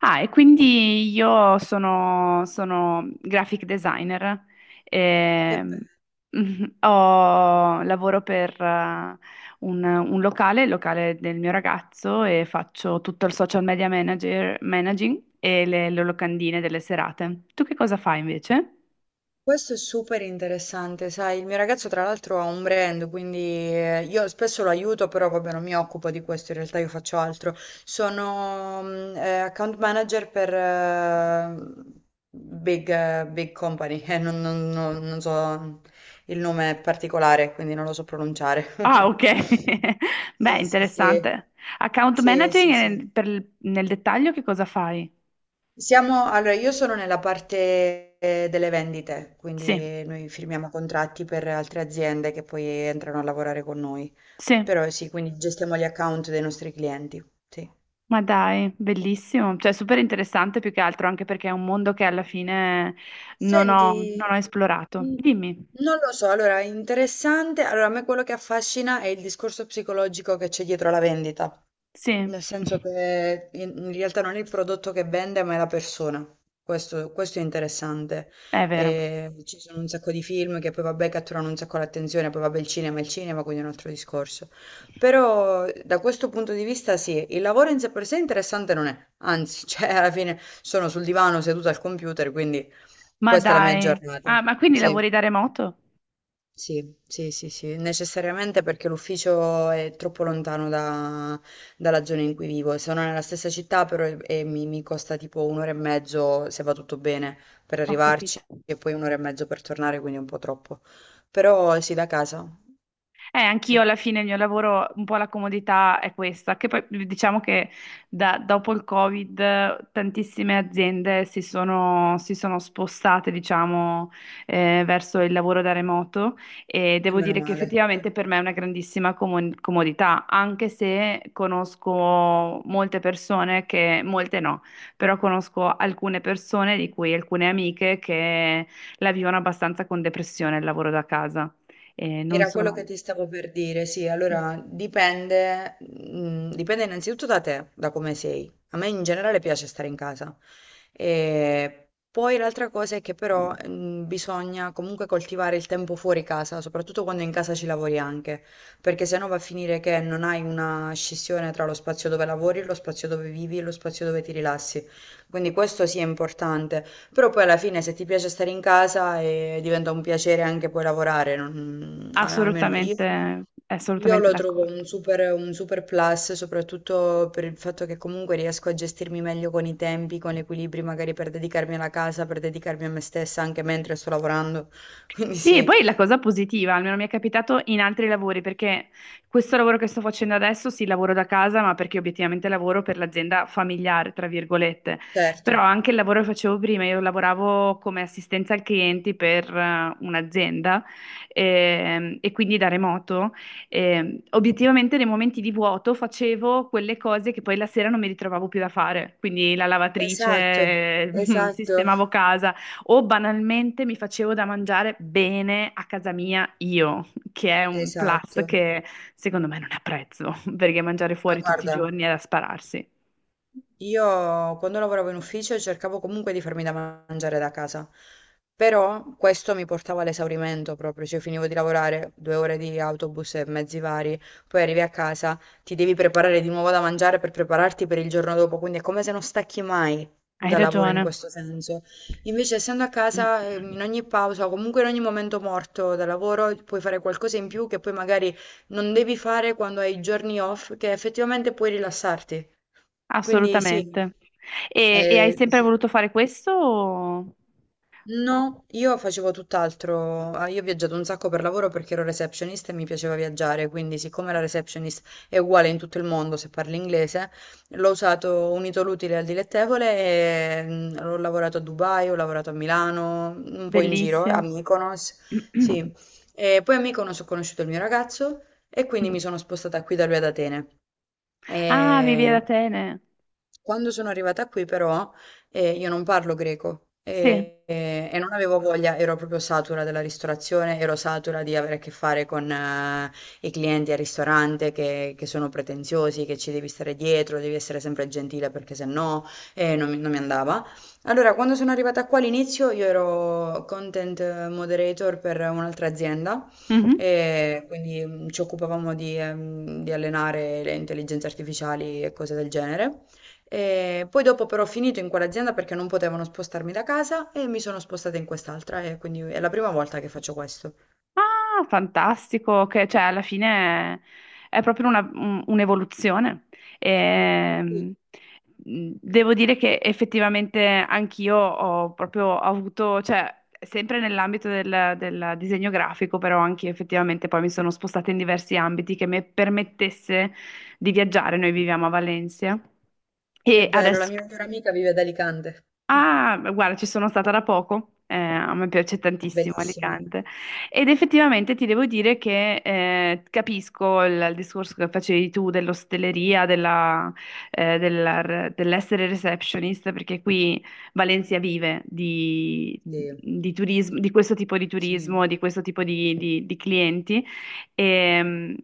Ah, e quindi io sono graphic designer, Che ehm, be- mhm, lavoro per un locale, il locale del mio ragazzo, e faccio tutto il social media manager, managing e le locandine delle serate. Tu che cosa fai invece? Questo è super interessante, sai, il mio ragazzo tra l'altro ha un brand, quindi io spesso lo aiuto, però vabbè non mi occupo di questo, in realtà io faccio altro. Sono account manager per big company, non so il nome particolare, quindi non lo so pronunciare. Ah, ok. Beh, Sì, sì, sì. interessante. Account Sì, managing, sì, sì. Nel dettaglio che cosa fai? Allora io sono nella parte delle vendite, Sì, quindi noi firmiamo contratti per altre aziende che poi entrano a lavorare con noi. sì. Però sì, quindi gestiamo gli account dei nostri clienti. Sì. Ma dai, bellissimo, cioè super interessante più che altro, anche perché è un mondo che alla fine Senti, non ho esplorato. mm, Dimmi, non lo so, allora interessante, allora a me quello che affascina è il discorso psicologico che c'è dietro la vendita. sì, Nel senso che in realtà non è il prodotto che vende, ma è la persona. Questo è interessante. è vero. E ci sono un sacco di film che poi vabbè catturano un sacco l'attenzione, poi vabbè il cinema è il cinema, quindi è un altro discorso. Però da questo punto di vista sì, il lavoro in sé per sé interessante non è. Anzi, cioè alla fine sono sul divano seduta al computer, quindi Ma questa è la mia dai, giornata. ah, ma quindi Sì. lavori da remoto? Sì, sì, sì, sì, necessariamente perché l'ufficio è troppo lontano dalla zona in cui vivo. Sono nella stessa città, però mi costa tipo un'ora e mezzo, se va tutto bene, per Ho arrivarci capito. e poi un'ora e mezzo per tornare, quindi è un po' troppo. Però sì, da casa, sì, Anch'io e alla fine il mio lavoro, un po' la comodità è questa, che poi diciamo che dopo il Covid tantissime aziende si sono spostate, diciamo, verso il lavoro da remoto e devo meno dire che male. effettivamente per me è una grandissima comodità, anche se conosco molte persone che, molte no, però conosco alcune persone, di cui alcune amiche, che la vivono abbastanza con depressione il lavoro da casa. E non Era quello che sono. ti stavo per dire, sì, allora dipende innanzitutto da te, da come sei. A me in generale piace stare in casa. E poi l'altra cosa è che però bisogna comunque coltivare il tempo fuori casa, soprattutto quando in casa ci lavori anche, perché sennò va a finire che non hai una scissione tra lo spazio dove lavori, lo spazio dove vivi e lo spazio dove ti rilassi. Quindi questo sì è importante. Però poi alla fine se ti piace stare in casa diventa un piacere anche poi lavorare, almeno io, Assolutamente, io assolutamente lo trovo d'accordo. Un super plus, soprattutto per il fatto che comunque riesco a gestirmi meglio con i tempi, con gli equilibri, magari per dedicarmi alla casa, per dedicarmi a me stessa anche mentre sto lavorando. Quindi Sì, e sì, poi la cosa positiva, almeno mi è capitato in altri lavori, perché questo lavoro che sto facendo adesso, sì, lavoro da casa, ma perché obiettivamente lavoro per l'azienda familiare, tra virgolette. Però certo. anche il lavoro che facevo prima, io lavoravo come assistenza al clienti per un'azienda e quindi da remoto. Obiettivamente nei momenti di vuoto facevo quelle cose che poi la sera non mi ritrovavo più da fare, quindi la Esatto, lavatrice, esatto, sistemavo casa o banalmente mi facevo da mangiare bene a casa mia io, che è un plus esatto. che secondo me non apprezzo, perché mangiare Ma fuori tutti i guarda. giorni è da spararsi. Io quando lavoravo in ufficio cercavo comunque di farmi da mangiare da casa, però questo mi portava all'esaurimento proprio, cioè finivo di lavorare 2 ore di autobus e mezzi vari, poi arrivi a casa, ti devi preparare di nuovo da mangiare per prepararti per il giorno dopo, quindi è come se non stacchi mai Hai dal lavoro in ragione, questo senso. Invece essendo a casa, in ogni pausa o comunque in ogni momento morto dal lavoro puoi fare qualcosa in più che poi magari non devi fare quando hai i giorni off, che effettivamente puoi rilassarti. Quindi sì, assolutamente. E hai sempre sì. voluto fare questo? No, io facevo tutt'altro. Ah, io ho viaggiato un sacco per lavoro perché ero receptionist e mi piaceva viaggiare, quindi siccome la receptionist è uguale in tutto il mondo se parli inglese, l'ho usato unito l'utile al dilettevole e ho lavorato a Dubai, ho lavorato a Milano, un po' in giro, a Bellissimo. Mykonos, sì. E poi a Mykonos ho conosciuto il mio ragazzo e quindi mi sono spostata qui da lui ad Atene. Ah, vivi ad E... Atene. Quando sono arrivata qui, però, e io non parlo greco Sì. e non avevo voglia, ero proprio satura della ristorazione, ero satura di avere a che fare con i clienti al ristorante che sono pretenziosi, che ci devi stare dietro, devi essere sempre gentile perché se no non mi andava. Allora, quando sono arrivata qua all'inizio, io ero content moderator per un'altra azienda, Mhm. e quindi ci occupavamo di allenare le intelligenze artificiali e cose del genere. E poi dopo però ho finito in quell'azienda perché non potevano spostarmi da casa e mi sono spostata in quest'altra e quindi è la prima volta che faccio questo. Ah, fantastico, che cioè alla fine è proprio un'evoluzione. Ehm, Sì, Devo dire che effettivamente anch'io ho proprio avuto, cioè sempre nell'ambito del disegno grafico, però anche effettivamente poi mi sono spostata in diversi ambiti che mi permettesse di viaggiare. Noi viviamo a Valencia che e bello, la adesso. mia migliore amica vive ad Alicante. Ah, beh, guarda, ci sono stata da poco, a me piace tantissimo Bellissimo. Alicante ed effettivamente ti devo dire che capisco il discorso che facevi tu dell'ostelleria, dell'essere receptionist, perché qui Valencia vive Sì, di turismo, di questo tipo di sì, turismo, di questo tipo di clienti e,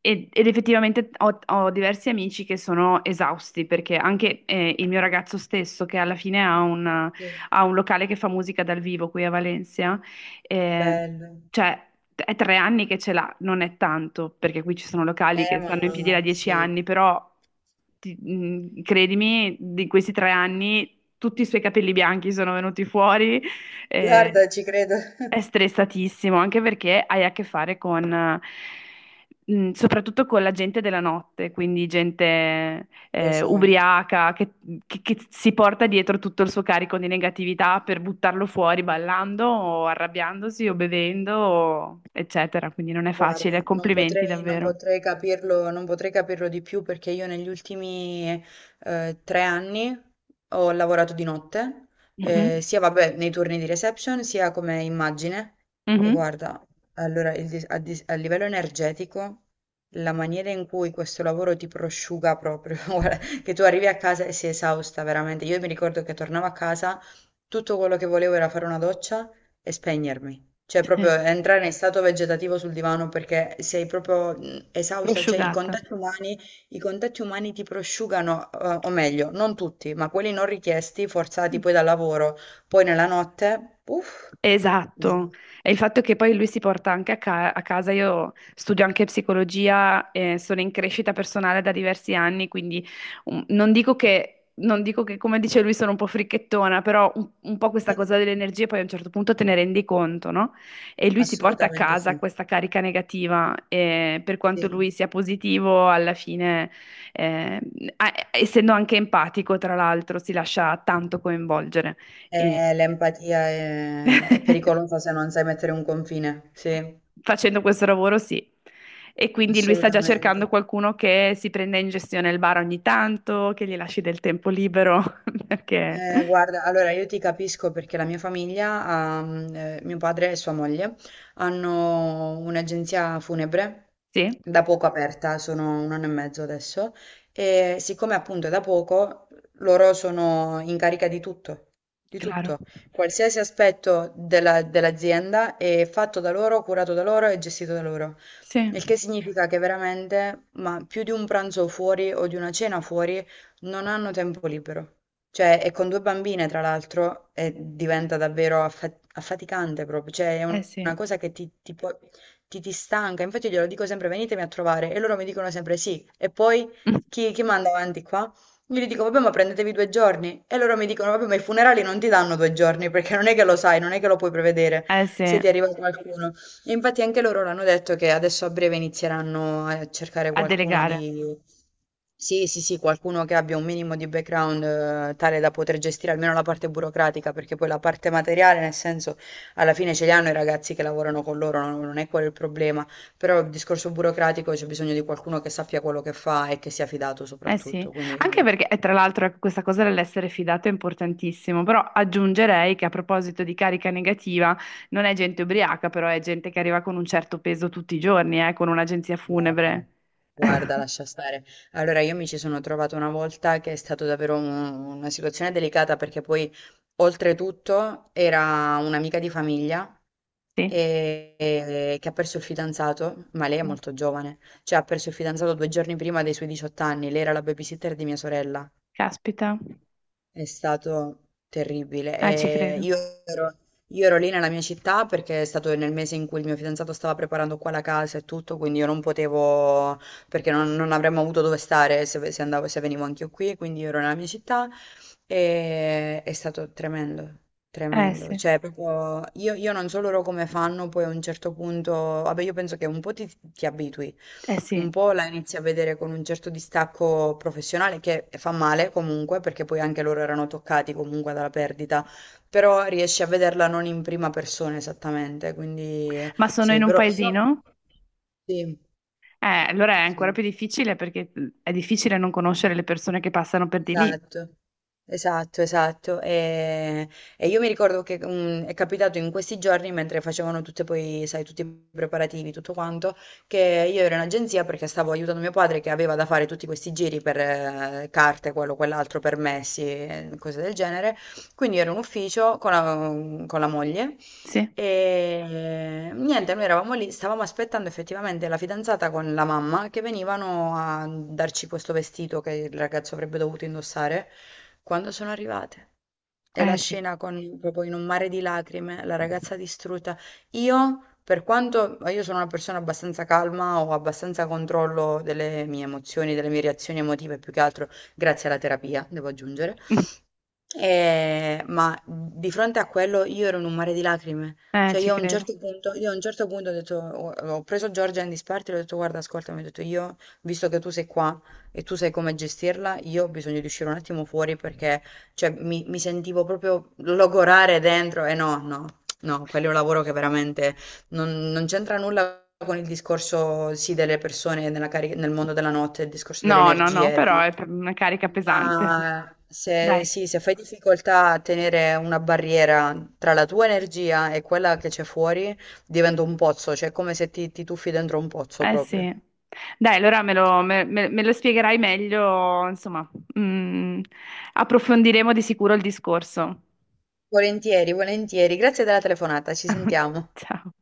ed effettivamente ho diversi amici che sono esausti perché anche il mio ragazzo stesso, che alla fine sì. ha un locale che fa musica dal vivo qui a Valencia, ehm, Bello. cioè è 3 anni che ce l'ha, non è tanto perché qui ci sono locali che Ma stanno in piedi da dieci sì. anni, però credimi, di questi 3 anni tutti i suoi capelli bianchi sono venuti fuori. eh, Guarda, ci credo. è stressatissimo, anche perché hai a che fare con, soprattutto con la gente della notte, quindi gente Lo so. ubriaca che si porta dietro tutto il suo carico di negatività per buttarlo fuori ballando o arrabbiandosi o bevendo, o eccetera. Quindi non è facile. Guarda, non Complimenti potrei, non davvero. potrei capirlo, non potrei capirlo di più perché io negli ultimi 3 anni ho lavorato di notte, Mhm, sia vabbè, nei turni di reception, sia come immagine. E mhm. guarda, allora il dis- a, dis- a livello energetico, la maniera in cui questo lavoro ti prosciuga proprio, guarda, che tu arrivi a casa e sei esausta veramente. Io mi ricordo che tornavo a casa, tutto quello che volevo era fare una doccia e spegnermi. Cioè proprio Sì, entrare in stato vegetativo sul divano perché sei proprio esausta, cioè prosciugata. I contatti umani ti prosciugano, o meglio, non tutti, ma quelli non richiesti, forzati poi dal lavoro, poi nella notte, uff, dis- Esatto, e il fatto che poi lui si porta anche a casa, io studio anche psicologia, sono in crescita personale da diversi anni, quindi non dico che, come dice lui, sono un po' fricchettona, però un po' questa cosa delle energie poi a un certo punto te ne rendi conto, no? E lui si porta a assolutamente casa sì. questa carica negativa, e per quanto Sì. lui sia positivo, alla fine, eh, essendo anche empatico, tra l'altro, si lascia tanto coinvolgere. E... L'empatia è pericolosa se non sai mettere un confine, sì, Facendo questo lavoro, sì. E quindi lui sta già assolutamente. cercando qualcuno che si prenda in gestione il bar ogni tanto, che gli lasci del tempo libero, perché Guarda, allora io ti capisco perché la mia famiglia, mio padre e sua moglie, hanno un'agenzia funebre sì, da poco aperta, sono un anno e mezzo adesso, e siccome appunto è da poco, loro sono in carica di tutto, di claro. tutto. Qualsiasi aspetto dell'azienda è fatto da loro, curato da loro e gestito da loro. Sì, Il che significa che veramente, ma più di un pranzo fuori o di una cena fuori, non hanno tempo libero. Cioè, e con 2 bambine tra l'altro, e diventa davvero affaticante proprio, cioè è eh un una sì. cosa che ti può ti stanca, infatti io glielo dico sempre: "Venitemi a trovare" e loro mi dicono sempre: "Sì" e poi chi manda avanti qua? Io gli dico: "Vabbè, ma prendetevi 2 giorni" e loro mi dicono: "Vabbè, ma i funerali non ti danno 2 giorni, perché non è che lo sai, non è che lo puoi prevedere Eh sì, se a ti arriva qualcuno". E infatti anche loro l'hanno detto che adesso a breve inizieranno a cercare qualcuno delegare. di... Sì, sì, sì, qualcuno che abbia un minimo di background tale da poter gestire almeno la parte burocratica, perché poi la parte materiale, nel senso, alla fine ce li hanno i ragazzi che lavorano con loro, non, non è quello il problema, però il discorso burocratico c'è bisogno di qualcuno che sappia quello che fa e che sia fidato Eh sì, soprattutto, anche quindi perché tra l'altro ecco, questa cosa dell'essere fidato è importantissimo, però aggiungerei che a proposito di carica negativa, non è gente ubriaca, però è gente che arriva con un certo peso tutti i giorni, con un'agenzia guarda, funebre. guarda, lascia stare. Allora, io mi ci sono trovata una volta che è stata davvero una situazione delicata perché poi, oltretutto, era un'amica di famiglia Sì. Che ha perso il fidanzato, ma lei è molto giovane, cioè ha perso il fidanzato 2 giorni prima dei suoi 18 anni, lei era la babysitter di mia sorella. Caspita, È stato terribile. Ci E credo. Ero, io ero lì nella mia città perché è stato nel mese in cui il mio fidanzato stava preparando qua la casa e tutto, quindi io non potevo, perché non avremmo avuto dove stare se, se andavo, se venivo anche io qui, quindi io ero nella mia città e è stato tremendo. Eh Tremendo, sì, cioè proprio io non so loro come fanno, poi a un certo punto, vabbè io penso che un po' ti abitui, eh un sì. po' la inizi a vedere con un certo distacco professionale che fa male comunque, perché poi anche loro erano toccati comunque dalla perdita, però riesci a vederla non in prima persona esattamente, quindi Ma sono in sì, un però io... paesino? Sì, Allora è ancora sì. più difficile perché è difficile non conoscere le persone che passano per di lì. Esatto, esatto, esatto. E io mi ricordo che è capitato in questi giorni, mentre facevano tutte poi, sai, tutti i preparativi, tutto quanto, che io ero in agenzia perché stavo aiutando mio padre che aveva da fare tutti questi giri per carte, quello, quell'altro, permessi, e cose del genere. Quindi ero in ufficio con la moglie. Sì, E niente, noi eravamo lì, stavamo aspettando effettivamente la fidanzata con la mamma che venivano a darci questo vestito che il ragazzo avrebbe dovuto indossare quando sono arrivate. E la eh sì, scena con proprio in un mare di lacrime, la ragazza distrutta. Io, per quanto io sono una persona abbastanza calma, ho abbastanza controllo delle mie emozioni, delle mie reazioni emotive, più che altro grazie alla terapia, devo aggiungere. Ma di fronte a quello io ero in un mare di lacrime. Cioè ci io a un credo. certo punto, io a un certo punto ho detto, ho preso Giorgia in disparte e le ho detto guarda, ascoltami, ho detto io, visto che tu sei qua e tu sai come gestirla, io ho bisogno di uscire un attimo fuori perché cioè, mi sentivo proprio logorare dentro e no, no, no, quello è un lavoro che veramente non c'entra nulla con il discorso sì delle persone nella nel mondo della notte, il discorso delle No, no, no, energie. però una carica pesante. Ma se, Dai, sì, se fai difficoltà a tenere una barriera tra la tua energia e quella che c'è fuori, diventa un pozzo, cioè è come se ti tuffi dentro un pozzo eh proprio. sì. Dai, allora me lo spiegherai meglio, insomma, Mm, approfondiremo di sicuro il discorso. Volentieri, volentieri. Grazie della telefonata, ci sentiamo. Ciao.